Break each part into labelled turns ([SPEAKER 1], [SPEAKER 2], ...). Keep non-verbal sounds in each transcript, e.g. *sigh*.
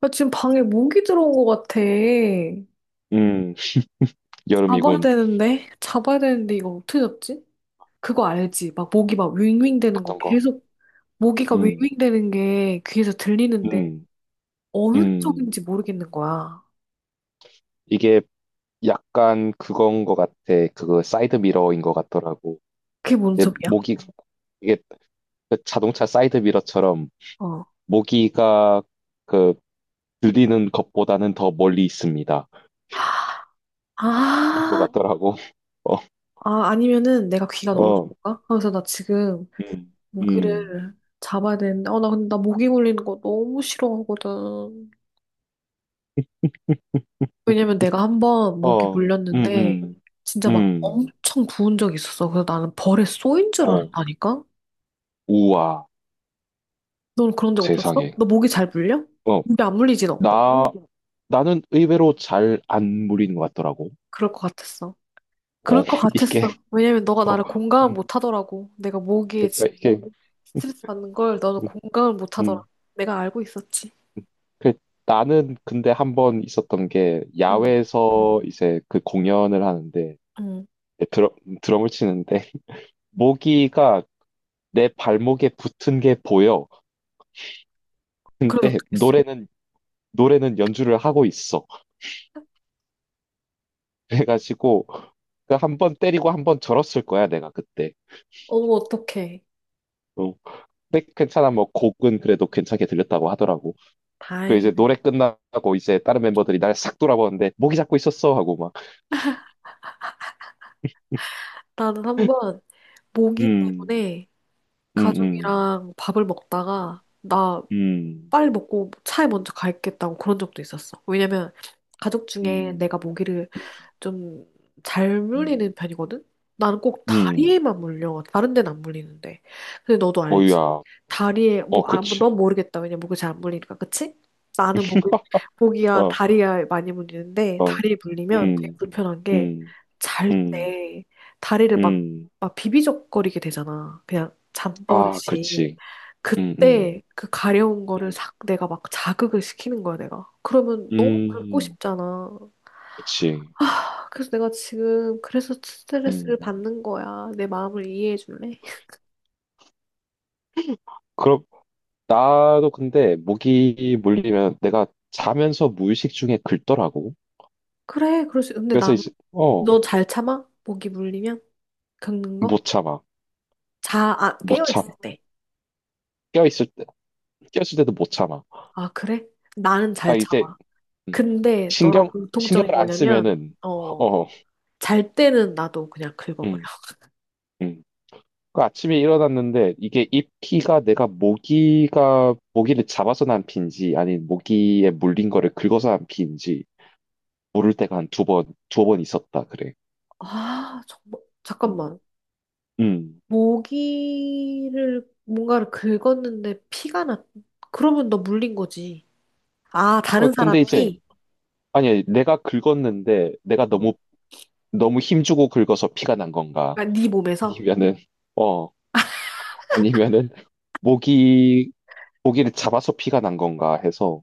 [SPEAKER 1] 나 지금 방에 모기 들어온 것 같아.
[SPEAKER 2] 음,
[SPEAKER 1] 잡아야
[SPEAKER 2] 여름이군.
[SPEAKER 1] 되는데? 잡아야 되는데 이거 어떻게 잡지? 그거 알지? 막 모기 막 윙윙 되는 거
[SPEAKER 2] 어떤 거?
[SPEAKER 1] 계속 모기가
[SPEAKER 2] 음,
[SPEAKER 1] 윙윙 되는 게 귀에서 들리는데
[SPEAKER 2] 음,
[SPEAKER 1] 어느
[SPEAKER 2] 음.
[SPEAKER 1] 쪽인지 모르겠는 거야.
[SPEAKER 2] 이게 약간 그건 거 같아. 그거 사이드 미러인 거 같더라고.
[SPEAKER 1] 그게 뭔
[SPEAKER 2] 내
[SPEAKER 1] 소리야?
[SPEAKER 2] 모기, 이게 그 자동차 사이드 미러처럼
[SPEAKER 1] 어.
[SPEAKER 2] 모기가 그 들리는 것보다는 더 멀리 있습니다. 인거
[SPEAKER 1] 아,
[SPEAKER 2] 같더라고. *laughs* 어,
[SPEAKER 1] 아, 아니면은 내가 귀가 너무
[SPEAKER 2] 어,
[SPEAKER 1] 좋은가? 그래서 나 지금
[SPEAKER 2] 음, 음,
[SPEAKER 1] 모기를 잡아야 되는데, 나 근데 나 모기 물리는 거 너무 싫어하거든. 왜냐면 내가 한 번 목이
[SPEAKER 2] 어, 음,
[SPEAKER 1] 물렸는데
[SPEAKER 2] 음,
[SPEAKER 1] 진짜 막
[SPEAKER 2] 음,
[SPEAKER 1] 엄청 부은 적이 있었어. 그래서 나는 벌에 쏘인 줄
[SPEAKER 2] 어,
[SPEAKER 1] 알았다니까?
[SPEAKER 2] 우와,
[SPEAKER 1] 넌 그런 적 없었어?
[SPEAKER 2] 세상에.
[SPEAKER 1] 너 목이 잘 물려?
[SPEAKER 2] 어,
[SPEAKER 1] 근데 안 물리지 너?
[SPEAKER 2] 나, 나는 의외로 잘 안 물리는 것 같더라고.
[SPEAKER 1] 그럴 것 같았어. 그럴
[SPEAKER 2] 어,
[SPEAKER 1] 것
[SPEAKER 2] *laughs* 이게,
[SPEAKER 1] 같았어. 왜냐면 너가
[SPEAKER 2] 어,
[SPEAKER 1] 나를 공감을
[SPEAKER 2] 음,
[SPEAKER 1] 못 하더라고. 내가 모기에
[SPEAKER 2] 그러니까
[SPEAKER 1] 지금
[SPEAKER 2] 이게, 음,
[SPEAKER 1] 스트레스 받는 걸 너는
[SPEAKER 2] 음.
[SPEAKER 1] 공감을 못 하더라.
[SPEAKER 2] 음.
[SPEAKER 1] 내가 알고 있었지.
[SPEAKER 2] 그 나는 근데 한 번 있었던 게,
[SPEAKER 1] 응,
[SPEAKER 2] 야외에서 이제 그 공연을 하는데,
[SPEAKER 1] 응.
[SPEAKER 2] 드럼, 드럼을 치는데, 모기가 내 발목에 붙은 게 보여.
[SPEAKER 1] 그래서
[SPEAKER 2] 근데
[SPEAKER 1] 어떻게 했어?
[SPEAKER 2] 노래는, 노래는 연주를 하고 있어. 그래가지고, 그 한 번 때리고 한 번 절었을 거야, 내가 그때.
[SPEAKER 1] 어머, 어떡해.
[SPEAKER 2] 어. 근데 괜찮아, 뭐, 곡은 그래도 괜찮게 들렸다고 하더라고. 그 이제
[SPEAKER 1] 다행이네.
[SPEAKER 2] 노래 끝나고 이제 다른 멤버들이 날 싹 돌아보는데 모기 잡고 있었어 하고 막
[SPEAKER 1] 나는 한번 모기
[SPEAKER 2] 음,
[SPEAKER 1] 때문에
[SPEAKER 2] 음, 음,
[SPEAKER 1] 가족이랑 밥을 먹다가 나
[SPEAKER 2] 음,
[SPEAKER 1] 빨리 먹고 차에 먼저 가있겠다고 그런 적도 있었어. 왜냐면 가족 중에
[SPEAKER 2] 음,
[SPEAKER 1] 내가 모기를 좀 잘
[SPEAKER 2] 음,
[SPEAKER 1] 물리는 편이거든? 나는 꼭
[SPEAKER 2] 음,
[SPEAKER 1] 다리에만 물려. 다른 데는 안 물리는데. 근데 너도 알지.
[SPEAKER 2] 어이야,
[SPEAKER 1] 다리에,
[SPEAKER 2] 어,
[SPEAKER 1] 뭐, 뭐,
[SPEAKER 2] 그치,
[SPEAKER 1] 넌 모르겠다. 왜냐면 목이 잘 안 물리니까. 그치? 나는 목이야,
[SPEAKER 2] 어,
[SPEAKER 1] 다리야 많이 물리는데,
[SPEAKER 2] 어,
[SPEAKER 1] 다리에 물리면 되게
[SPEAKER 2] 음,
[SPEAKER 1] 불편한 게,
[SPEAKER 2] 음,
[SPEAKER 1] 잘
[SPEAKER 2] 음,
[SPEAKER 1] 때, 다리를 막,
[SPEAKER 2] 음,
[SPEAKER 1] 막 비비적거리게 되잖아. 그냥
[SPEAKER 2] 아,
[SPEAKER 1] 잠버릇이.
[SPEAKER 2] 그렇지, 음, 음,
[SPEAKER 1] 그때 그 가려운 거를
[SPEAKER 2] 음,
[SPEAKER 1] 싹 내가 막 자극을 시키는 거야, 내가. 그러면 너무 긁고
[SPEAKER 2] 음,
[SPEAKER 1] 싶잖아.
[SPEAKER 2] 그치,
[SPEAKER 1] 그래서 내가 지금 그래서 스트레스를
[SPEAKER 2] 음,
[SPEAKER 1] 받는 거야. 내 마음을 이해해 줄래? *laughs*
[SPEAKER 2] 그럼 나도 근데 모기 물리면 내가 자면서 무의식 중에 긁더라고.
[SPEAKER 1] 그래, 그럴 수. 근데 나,
[SPEAKER 2] 그래서 이제
[SPEAKER 1] 너 잘 참아? 목이 물리면? 겪는
[SPEAKER 2] 못
[SPEAKER 1] 거?
[SPEAKER 2] 참아,
[SPEAKER 1] 자, 아,
[SPEAKER 2] 못
[SPEAKER 1] 깨어 있을
[SPEAKER 2] 참아.
[SPEAKER 1] 때.
[SPEAKER 2] 껴있을 꼈을 때도 못 참아.
[SPEAKER 1] 아, 그래? 나는
[SPEAKER 2] 아,
[SPEAKER 1] 잘
[SPEAKER 2] 이제,
[SPEAKER 1] 참아.
[SPEAKER 2] 음,
[SPEAKER 1] 근데 너랑
[SPEAKER 2] 신경,
[SPEAKER 1] 공통점이
[SPEAKER 2] 신경을 안
[SPEAKER 1] 뭐냐면,
[SPEAKER 2] 쓰면은, 어,
[SPEAKER 1] 잘 때는 나도 그냥 긁어버려.
[SPEAKER 2] 음,
[SPEAKER 1] *laughs*
[SPEAKER 2] 음. 그 아침에 일어났는데, 이게 입기가 내가 모기를 잡아서 난 피인지, 아니, 모기에 물린 거를 긁어서 난 피인지, 모를 때가 한 두 번 있었다, 그래.
[SPEAKER 1] 아, 정말.
[SPEAKER 2] 음,
[SPEAKER 1] 잠깐만.
[SPEAKER 2] 음.
[SPEAKER 1] 뭔가를 긁었는데 피가 났, 그러면 너 물린 거지. 아,
[SPEAKER 2] 어,
[SPEAKER 1] 다른 사람
[SPEAKER 2] 근데 이제,
[SPEAKER 1] 피?
[SPEAKER 2] 아니, 내가 긁었는데, 내가
[SPEAKER 1] 어.
[SPEAKER 2] 너무, 너무 힘주고 긁어서 피가 난 건가?
[SPEAKER 1] 그러니까 네 몸에서?
[SPEAKER 2] 아니면은, 어, 아니면은, 모기, 모기를 잡아서 피가 난 건가 해서,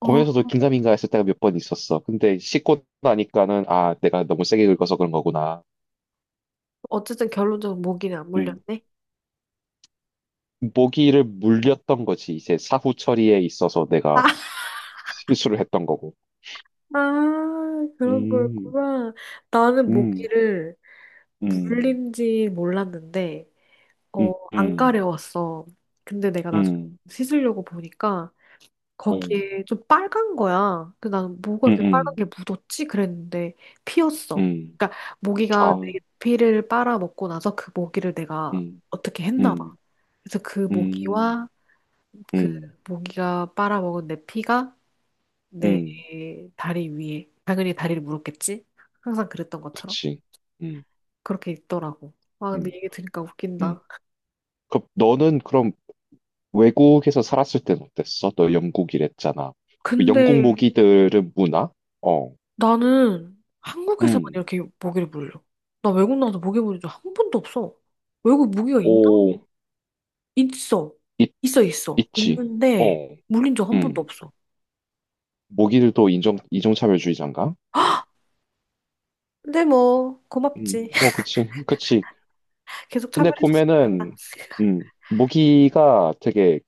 [SPEAKER 1] 어.
[SPEAKER 2] 보면서도 긴가민가 했을 때가 몇 번 있었어. 근데 씻고 나니까는, 아, 내가 너무 세게 긁어서 그런 거구나.
[SPEAKER 1] 어쨌든 결론적으로 모기는 안
[SPEAKER 2] 음,
[SPEAKER 1] 물렸네.
[SPEAKER 2] 모기를 물렸던 거지. 이제 사후 처리에 있어서
[SPEAKER 1] 아,
[SPEAKER 2] 내가 실수를 했던 거고.
[SPEAKER 1] 아, 그런
[SPEAKER 2] 음,
[SPEAKER 1] 거였구나. 나는
[SPEAKER 2] 음,
[SPEAKER 1] 모기를
[SPEAKER 2] 음,
[SPEAKER 1] 물린지 몰랐는데,
[SPEAKER 2] 음,
[SPEAKER 1] 안
[SPEAKER 2] 음,
[SPEAKER 1] 가려웠어. 근데 내가 나중에
[SPEAKER 2] 음,
[SPEAKER 1] 씻으려고 보니까
[SPEAKER 2] 오,
[SPEAKER 1] 거기에 좀 빨간 거야. 근데 나는 뭐가
[SPEAKER 2] 음,
[SPEAKER 1] 이렇게 빨간
[SPEAKER 2] 음,
[SPEAKER 1] 게 묻었지? 그랬는데 피었어.
[SPEAKER 2] 음,
[SPEAKER 1] 그러니까
[SPEAKER 2] 아,
[SPEAKER 1] 모기가 내
[SPEAKER 2] 아,
[SPEAKER 1] 피를 빨아먹고 나서 그 모기를 내가
[SPEAKER 2] 음,
[SPEAKER 1] 어떻게 했나 봐.
[SPEAKER 2] 음,
[SPEAKER 1] 그래서 그
[SPEAKER 2] 음,
[SPEAKER 1] 모기와 그
[SPEAKER 2] 음,
[SPEAKER 1] 모기가 빨아먹은 내 피가 내
[SPEAKER 2] 음,
[SPEAKER 1] 다리 위에. 당연히 다리를 물었겠지? 항상 그랬던 것처럼.
[SPEAKER 2] 그치. 음,
[SPEAKER 1] 그렇게 있더라고. 아, 근데
[SPEAKER 2] 음.
[SPEAKER 1] 얘기 들으니까
[SPEAKER 2] 음.
[SPEAKER 1] 웃긴다.
[SPEAKER 2] 그럼 너는 그럼 외국에서 살았을 땐 어땠어? 너 영국이랬잖아. 영국
[SPEAKER 1] 근데
[SPEAKER 2] 모기들은 문화? 어,
[SPEAKER 1] 나는 한국에서만
[SPEAKER 2] 음,
[SPEAKER 1] 이렇게 모기를 물려. 나 외국 나와서 모기 물린 적 한 번도 없어. 외국 모기가 있나?
[SPEAKER 2] 오,
[SPEAKER 1] 있어.
[SPEAKER 2] 있,
[SPEAKER 1] 있어, 있어.
[SPEAKER 2] 있지.
[SPEAKER 1] 있는데
[SPEAKER 2] 어,
[SPEAKER 1] 물린 적 한 번도
[SPEAKER 2] 음,
[SPEAKER 1] 없어.
[SPEAKER 2] 모기들도 인종차별주의자인가?
[SPEAKER 1] 근데 뭐 고맙지.
[SPEAKER 2] 뭐,
[SPEAKER 1] *laughs*
[SPEAKER 2] 그치, 그치.
[SPEAKER 1] 계속
[SPEAKER 2] 근데
[SPEAKER 1] 차별해줬으니까.
[SPEAKER 2] 보면은, 모기가 되게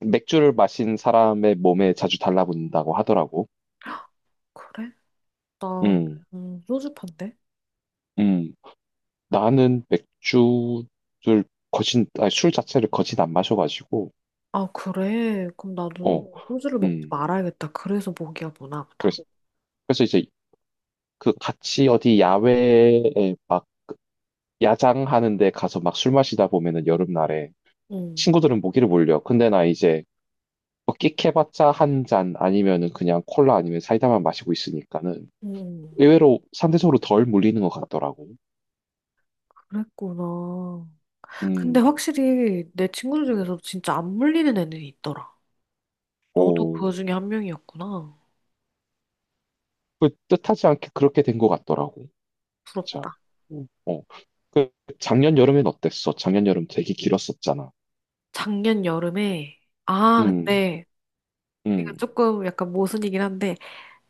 [SPEAKER 2] 맥주를 마신 사람의 몸에 자주 달라붙는다고 하더라고.
[SPEAKER 1] 그래? 나
[SPEAKER 2] 음,
[SPEAKER 1] 소주판데?
[SPEAKER 2] 음, 나는 맥주를 거진, 아니, 술 자체를 거진 안 마셔가지고,
[SPEAKER 1] 아, 그래? 그럼 나도
[SPEAKER 2] 어,
[SPEAKER 1] 소주를 먹지
[SPEAKER 2] 음,
[SPEAKER 1] 말아야겠다. 그래서 목이야 보나 보다.
[SPEAKER 2] 그래서 그래서 이제 그 같이 어디 야외에 막 야장하는데 가서 막 술 마시다 보면은 여름날에
[SPEAKER 1] 응,
[SPEAKER 2] 친구들은 모기를 물려. 근데 나 이제 뭐 끽해봤자 한 잔 아니면은 그냥 콜라 아니면 사이다만 마시고 있으니까는
[SPEAKER 1] 응,
[SPEAKER 2] 의외로 상대적으로 덜 물리는 것 같더라고.
[SPEAKER 1] 그랬구나. 근데
[SPEAKER 2] 음,
[SPEAKER 1] 확실히 내 친구들 중에서도 진짜 안 물리는 애는 있더라. 너도
[SPEAKER 2] 오,
[SPEAKER 1] 그 중에 한 명이었구나.
[SPEAKER 2] 그 뜻하지 않게 그렇게 된 것 같더라고. 맞아.
[SPEAKER 1] 부럽다.
[SPEAKER 2] 어, 그 작년 여름엔 어땠어? 작년 여름 되게 길었었잖아.
[SPEAKER 1] 작년 여름에, 아,
[SPEAKER 2] 음,
[SPEAKER 1] 근데 이거
[SPEAKER 2] 음,
[SPEAKER 1] 조금 약간 모순이긴 한데,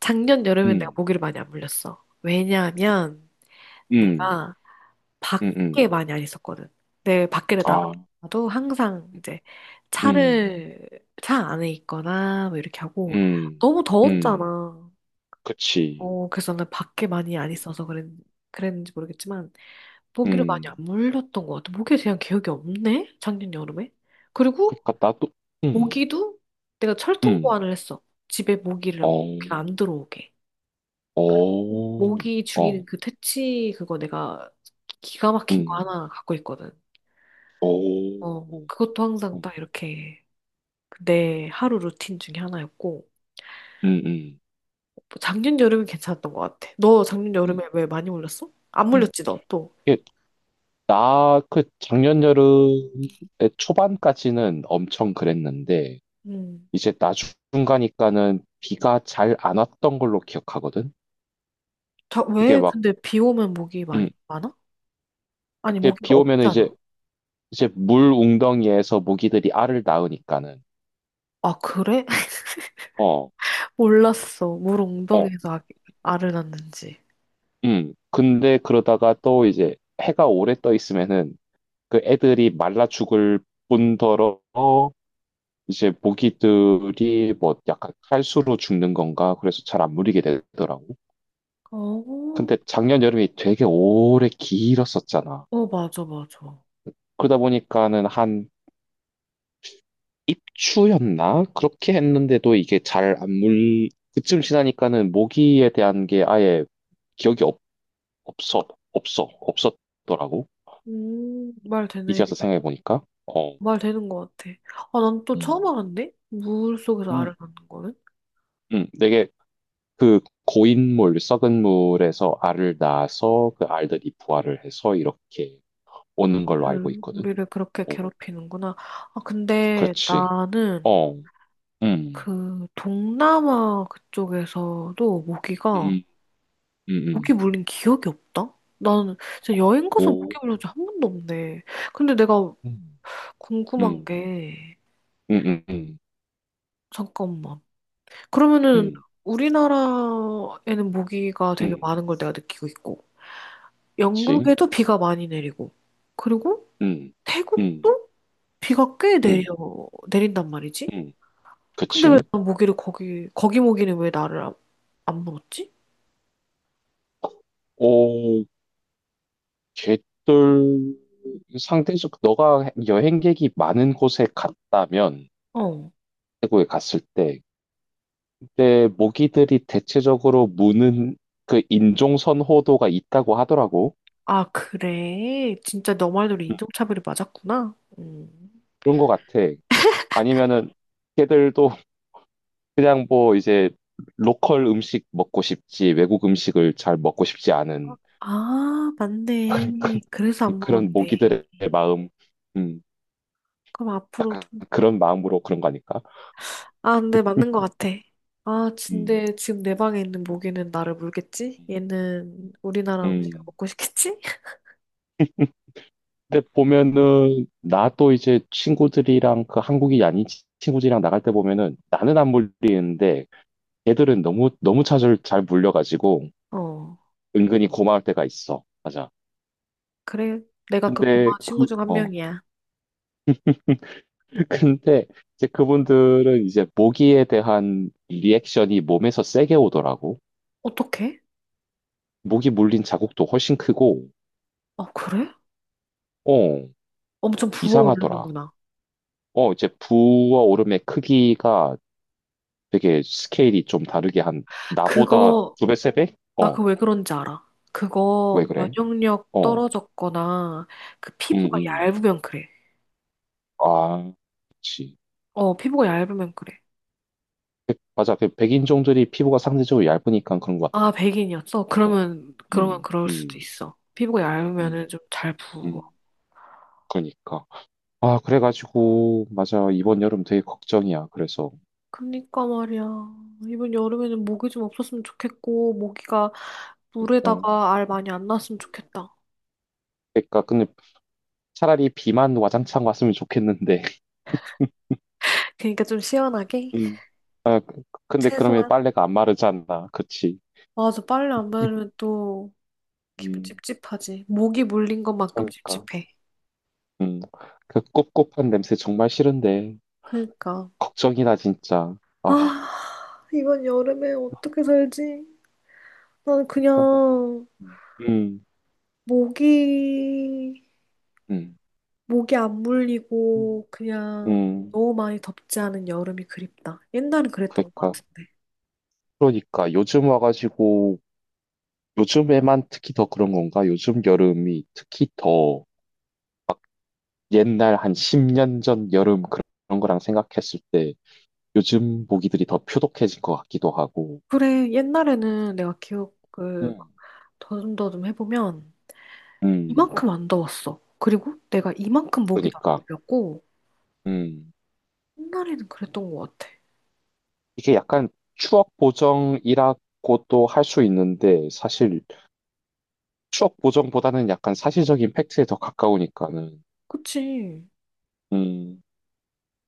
[SPEAKER 1] 작년 여름엔 내가
[SPEAKER 2] 음,
[SPEAKER 1] 모기를 많이 안 물렸어. 왜냐하면 응.
[SPEAKER 2] 음,
[SPEAKER 1] 내가
[SPEAKER 2] 음,
[SPEAKER 1] 밖에
[SPEAKER 2] 음.
[SPEAKER 1] 많이 안 있었거든. 내 밖에를
[SPEAKER 2] 아,
[SPEAKER 1] 나가도 항상 이제
[SPEAKER 2] 음.
[SPEAKER 1] 차를 차 안에 있거나 뭐 이렇게 하고
[SPEAKER 2] 음,
[SPEAKER 1] 너무
[SPEAKER 2] 음,
[SPEAKER 1] 더웠잖아.
[SPEAKER 2] 그치.
[SPEAKER 1] 그래서 나는 밖에 많이 안 있어서 그랬, 그랬는지 모르겠지만 모기를 많이 안
[SPEAKER 2] 음,
[SPEAKER 1] 물렸던 것 같아. 모기에 대한 기억이 없네. 작년 여름에. 그리고
[SPEAKER 2] 그니까 나도, 음,
[SPEAKER 1] 모기도 내가 철통 보
[SPEAKER 2] 음,
[SPEAKER 1] 완을 했어. 집에 모기를
[SPEAKER 2] 어,
[SPEAKER 1] 모기가 안 들어오게.
[SPEAKER 2] 어,
[SPEAKER 1] 모기 죽이는
[SPEAKER 2] 어,
[SPEAKER 1] 그 퇴치 그거 내가 기가 막힌 거
[SPEAKER 2] 음,
[SPEAKER 1] 하나 갖고 있거든.
[SPEAKER 2] 어, 음,
[SPEAKER 1] 그것도 항상 딱 이렇게 내 하루 루틴 중에 하나였고,
[SPEAKER 2] 음, 음,
[SPEAKER 1] 뭐 작년 여름은 괜찮았던 것 같아. 너 작년
[SPEAKER 2] 음.
[SPEAKER 1] 여름에 왜 많이 물렸어? 안
[SPEAKER 2] 음.
[SPEAKER 1] 물렸지, 너 또.
[SPEAKER 2] 이게 나 그 작년 여름의 초반까지는 엄청 그랬는데,
[SPEAKER 1] 음.
[SPEAKER 2] 이제 나중 가니까는 비가 잘 안 왔던 걸로 기억하거든?
[SPEAKER 1] 자,
[SPEAKER 2] 이게
[SPEAKER 1] 왜
[SPEAKER 2] 막,
[SPEAKER 1] 근데 비 오면 목이 많이
[SPEAKER 2] 음,
[SPEAKER 1] 많아? 아니,
[SPEAKER 2] 이게
[SPEAKER 1] 모기가
[SPEAKER 2] 비 오면은 이제,
[SPEAKER 1] 없잖아.
[SPEAKER 2] 이제 물 웅덩이에서 모기들이 알을 낳으니까는,
[SPEAKER 1] 아, 그래? *laughs*
[SPEAKER 2] 어,
[SPEAKER 1] 몰랐어. 물
[SPEAKER 2] 어.
[SPEAKER 1] 웅덩이에서 알을 낳는지.
[SPEAKER 2] 음. 근데 그러다가 또 이제 해가 오래 떠 있으면은 그 애들이 말라 죽을 뿐더러 이제 모기들이 뭐 약간 칼수로 죽는 건가 그래서 잘 안 물리게 되더라고.
[SPEAKER 1] 어,
[SPEAKER 2] 근데 작년 여름이 되게 오래 길었었잖아.
[SPEAKER 1] 어, 맞아, 맞아.
[SPEAKER 2] 그러다 보니까는 한 입추였나? 그렇게 했는데도 이게 잘 안 물, 그쯤 지나니까는 모기에 대한 게 아예 기억이 없, 없어, 없어, 없었더라고.
[SPEAKER 1] 말
[SPEAKER 2] 이제
[SPEAKER 1] 되네.
[SPEAKER 2] 와서 생각해보니까. 어.
[SPEAKER 1] 말 되는 것 같아. 아, 난 또 처음
[SPEAKER 2] 음.
[SPEAKER 1] 알았네? 물 속에서
[SPEAKER 2] 음,
[SPEAKER 1] 알을 낳는 거는?
[SPEAKER 2] 되게 그 고인물, 썩은 물에서 알을 낳아서 그 알들이 부화를 해서 이렇게 오는 걸로 알고
[SPEAKER 1] 우리를
[SPEAKER 2] 있거든.
[SPEAKER 1] 우리를 그렇게
[SPEAKER 2] 어,
[SPEAKER 1] 괴롭히는구나. 아, 근데
[SPEAKER 2] 그렇지.
[SPEAKER 1] 나는
[SPEAKER 2] 어, 음,
[SPEAKER 1] 그 동남아 그쪽에서도 모기가,
[SPEAKER 2] 음, 음,
[SPEAKER 1] 모기
[SPEAKER 2] 음,
[SPEAKER 1] 물린 기억이 없다? 나는 진짜 여행 가서 모기
[SPEAKER 2] 오,
[SPEAKER 1] 물린 적한 번도 없네. 근데 내가
[SPEAKER 2] 음,
[SPEAKER 1] 궁금한
[SPEAKER 2] 음,
[SPEAKER 1] 게,
[SPEAKER 2] 음, 음, 음,
[SPEAKER 1] 잠깐만. 그러면은
[SPEAKER 2] 음,
[SPEAKER 1] 우리나라에는 모기가 되게
[SPEAKER 2] 음.
[SPEAKER 1] 많은 걸 내가 느끼고 있고,
[SPEAKER 2] 그치.
[SPEAKER 1] 영국에도 비가 많이 내리고, 그리고
[SPEAKER 2] 음, 음,
[SPEAKER 1] 태국도 비가 꽤
[SPEAKER 2] 음,
[SPEAKER 1] 내린단 말이지?
[SPEAKER 2] 음,
[SPEAKER 1] 근데 왜
[SPEAKER 2] 그치.
[SPEAKER 1] 난 모기를 거기 모기는 왜 나를 안 물었지?
[SPEAKER 2] 오, 걔들 상대적, 너가 여행객이 많은 곳에 갔다면,
[SPEAKER 1] 어.
[SPEAKER 2] 태국에 갔을 때, 근데 모기들이 대체적으로 무는 그 인종 선호도가 있다고 하더라고.
[SPEAKER 1] 아, 그래. 진짜 너 말대로
[SPEAKER 2] 음,
[SPEAKER 1] 인종차별이 맞았구나. 음.
[SPEAKER 2] 그런 것 같아. 아니면은 걔들도 *laughs* 그냥 뭐 이제 로컬 음식 먹고 싶지 외국 음식을 잘 먹고 싶지 않은
[SPEAKER 1] 아, 맞네.
[SPEAKER 2] *laughs*
[SPEAKER 1] 그래서 안
[SPEAKER 2] 그런
[SPEAKER 1] 물었네.
[SPEAKER 2] 모기들의 마음, 음,
[SPEAKER 1] 그럼 앞으로도.
[SPEAKER 2] 그런 마음으로 그런 거 아닐까?
[SPEAKER 1] 아, 근데 맞는 것 같아. 아,
[SPEAKER 2] 음,
[SPEAKER 1] 근데 지금 내 방에 있는 모기는 나를 물겠지? 얘는 우리나라 음식
[SPEAKER 2] 음.
[SPEAKER 1] 먹고 싶겠지?
[SPEAKER 2] 근데 보면은 나도 이제 친구들이랑 그 한국이 아닌 친구들이랑 나갈 때 보면은 나는 안 물리는데 걔들은 너무 너무 잘 물려가지고
[SPEAKER 1] 어.
[SPEAKER 2] 은근히 고마울 때가 있어. 맞아.
[SPEAKER 1] 그래. 내가 그
[SPEAKER 2] 근데
[SPEAKER 1] 고마운 친구
[SPEAKER 2] 그,
[SPEAKER 1] 중 한
[SPEAKER 2] 어.
[SPEAKER 1] 명이야.
[SPEAKER 2] *laughs* 근데 이제 그분들은 이제 모기에 대한 리액션이 몸에서 세게 오더라고.
[SPEAKER 1] 어떡해?
[SPEAKER 2] 모기 물린 자국도 훨씬 크고,
[SPEAKER 1] 아, 그래?
[SPEAKER 2] 어,
[SPEAKER 1] 엄청
[SPEAKER 2] 이상하더라.
[SPEAKER 1] 부어오르는구나.
[SPEAKER 2] 어, 이제 부어오름의 크기가 되게 스케일이 좀 다르게 한, 나보다
[SPEAKER 1] 그거
[SPEAKER 2] 두 배, 세 배?
[SPEAKER 1] 나
[SPEAKER 2] 어,
[SPEAKER 1] 그거 왜 그런지 알아.
[SPEAKER 2] 왜
[SPEAKER 1] 그거
[SPEAKER 2] 그래?
[SPEAKER 1] 면역력
[SPEAKER 2] 어,
[SPEAKER 1] 떨어졌거나 그
[SPEAKER 2] 음,
[SPEAKER 1] 피부가
[SPEAKER 2] 음.
[SPEAKER 1] 얇으면 그래.
[SPEAKER 2] 아, 그치.
[SPEAKER 1] 피부가 얇으면 그래.
[SPEAKER 2] 맞아. 그 백인종들이 피부가 상대적으로 얇으니까 그런 것
[SPEAKER 1] 아, 백인이었어?
[SPEAKER 2] 같아.
[SPEAKER 1] 그러면
[SPEAKER 2] 음,
[SPEAKER 1] 그럴 수도
[SPEAKER 2] 음,
[SPEAKER 1] 있어. 피부가
[SPEAKER 2] 음,
[SPEAKER 1] 얇으면은 좀 잘 부어.
[SPEAKER 2] 음, 그니까. 아, 그래가지고, 맞아. 이번 여름 되게 걱정이야. 그래서.
[SPEAKER 1] 그니까 말이야. 이번 여름에는 모기 좀 없었으면 좋겠고, 모기가
[SPEAKER 2] 그니까,
[SPEAKER 1] 물에다가 알 많이 안 났으면 좋겠다.
[SPEAKER 2] 그니까, 근데 차라리 비만 와장창 왔으면 좋겠는데. *laughs*
[SPEAKER 1] 그니까 좀 시원하게?
[SPEAKER 2] 음. 아, 근데 그러면
[SPEAKER 1] 최소한?
[SPEAKER 2] 빨래가 안 마르잖아. 그치?
[SPEAKER 1] 맞아, 빨래 안 바르면 또 기분
[SPEAKER 2] 음,
[SPEAKER 1] 찝찝하지. 모기 물린 것만큼
[SPEAKER 2] 그니까.
[SPEAKER 1] 찝찝해.
[SPEAKER 2] 음, 그 꿉꿉한 냄새 정말 싫은데.
[SPEAKER 1] 그니까.
[SPEAKER 2] 걱정이다, 진짜. 아,
[SPEAKER 1] 아, 이번 여름에 어떻게 살지? 나는
[SPEAKER 2] 그니까.
[SPEAKER 1] 그냥
[SPEAKER 2] 음,
[SPEAKER 1] 모기,
[SPEAKER 2] 음,
[SPEAKER 1] 모기 안
[SPEAKER 2] 음,
[SPEAKER 1] 물리고 그냥
[SPEAKER 2] 음,
[SPEAKER 1] 너무 많이 덥지 않은 여름이 그립다. 옛날엔 그랬던 것
[SPEAKER 2] 그니까.
[SPEAKER 1] 같은데.
[SPEAKER 2] 그러니까 요즘 와가지고 요즘에만 특히 더 그런 건가? 요즘 여름이 특히 더 옛날 한 10년 전 여름 그런 거랑 생각했을 때 요즘 모기들이 더 표독해진 것 같기도 하고.
[SPEAKER 1] 그래, 옛날에는 내가 기억을
[SPEAKER 2] 음.
[SPEAKER 1] 막 더듬더듬 해보면
[SPEAKER 2] 음,
[SPEAKER 1] 이만큼 안 더웠어. 그리고 내가 이만큼 모기도 안
[SPEAKER 2] 그러니까.
[SPEAKER 1] 물렸고
[SPEAKER 2] 음,
[SPEAKER 1] 옛날에는 그랬던 것 같아.
[SPEAKER 2] 이게 약간 추억 보정이라고도 할 수 있는데 사실 추억 보정보다는 약간 사실적인 팩트에 더 가까우니까는.
[SPEAKER 1] 그치?
[SPEAKER 2] 음,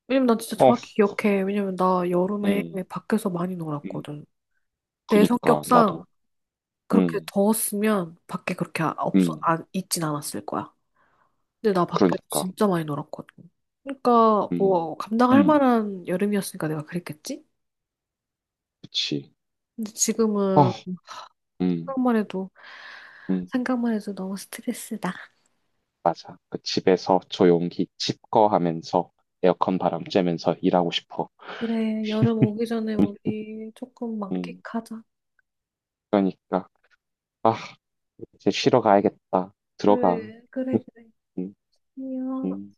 [SPEAKER 1] 왜냐면 난 진짜
[SPEAKER 2] 어,
[SPEAKER 1] 정확히 기억해. 왜냐면 나 여름에
[SPEAKER 2] 음,
[SPEAKER 1] 밖에서 많이
[SPEAKER 2] 음,
[SPEAKER 1] 놀았거든. 내
[SPEAKER 2] 그러니까 나도.
[SPEAKER 1] 성격상 그렇게
[SPEAKER 2] 음,
[SPEAKER 1] 더웠으면 밖에 그렇게 없어,
[SPEAKER 2] 음,
[SPEAKER 1] 안, 있진 않았을 거야. 근데 나 밖에서
[SPEAKER 2] 그러니까.
[SPEAKER 1] 진짜 많이 놀았거든. 그러니까
[SPEAKER 2] 음,
[SPEAKER 1] 뭐 감당할
[SPEAKER 2] 음,
[SPEAKER 1] 만한 여름이었으니까 내가 그랬겠지?
[SPEAKER 2] 그치.
[SPEAKER 1] 근데 지금은
[SPEAKER 2] 아, 음,
[SPEAKER 1] 생각만 해도
[SPEAKER 2] 음,
[SPEAKER 1] 생각만 해도 너무 스트레스다.
[SPEAKER 2] 맞아. 그 집에서 조용히 집거 하면서 에어컨 바람 쬐면서 일하고 싶어.
[SPEAKER 1] 그래, 여름 오기 전에 우리 조금
[SPEAKER 2] 음,
[SPEAKER 1] 만끽하자.
[SPEAKER 2] 그러니까, 아, 이제 쉬러 가야겠다. 들어가.
[SPEAKER 1] 그래, 그래,
[SPEAKER 2] *laughs*
[SPEAKER 1] 그래.
[SPEAKER 2] 음,
[SPEAKER 1] 안녕.
[SPEAKER 2] 음.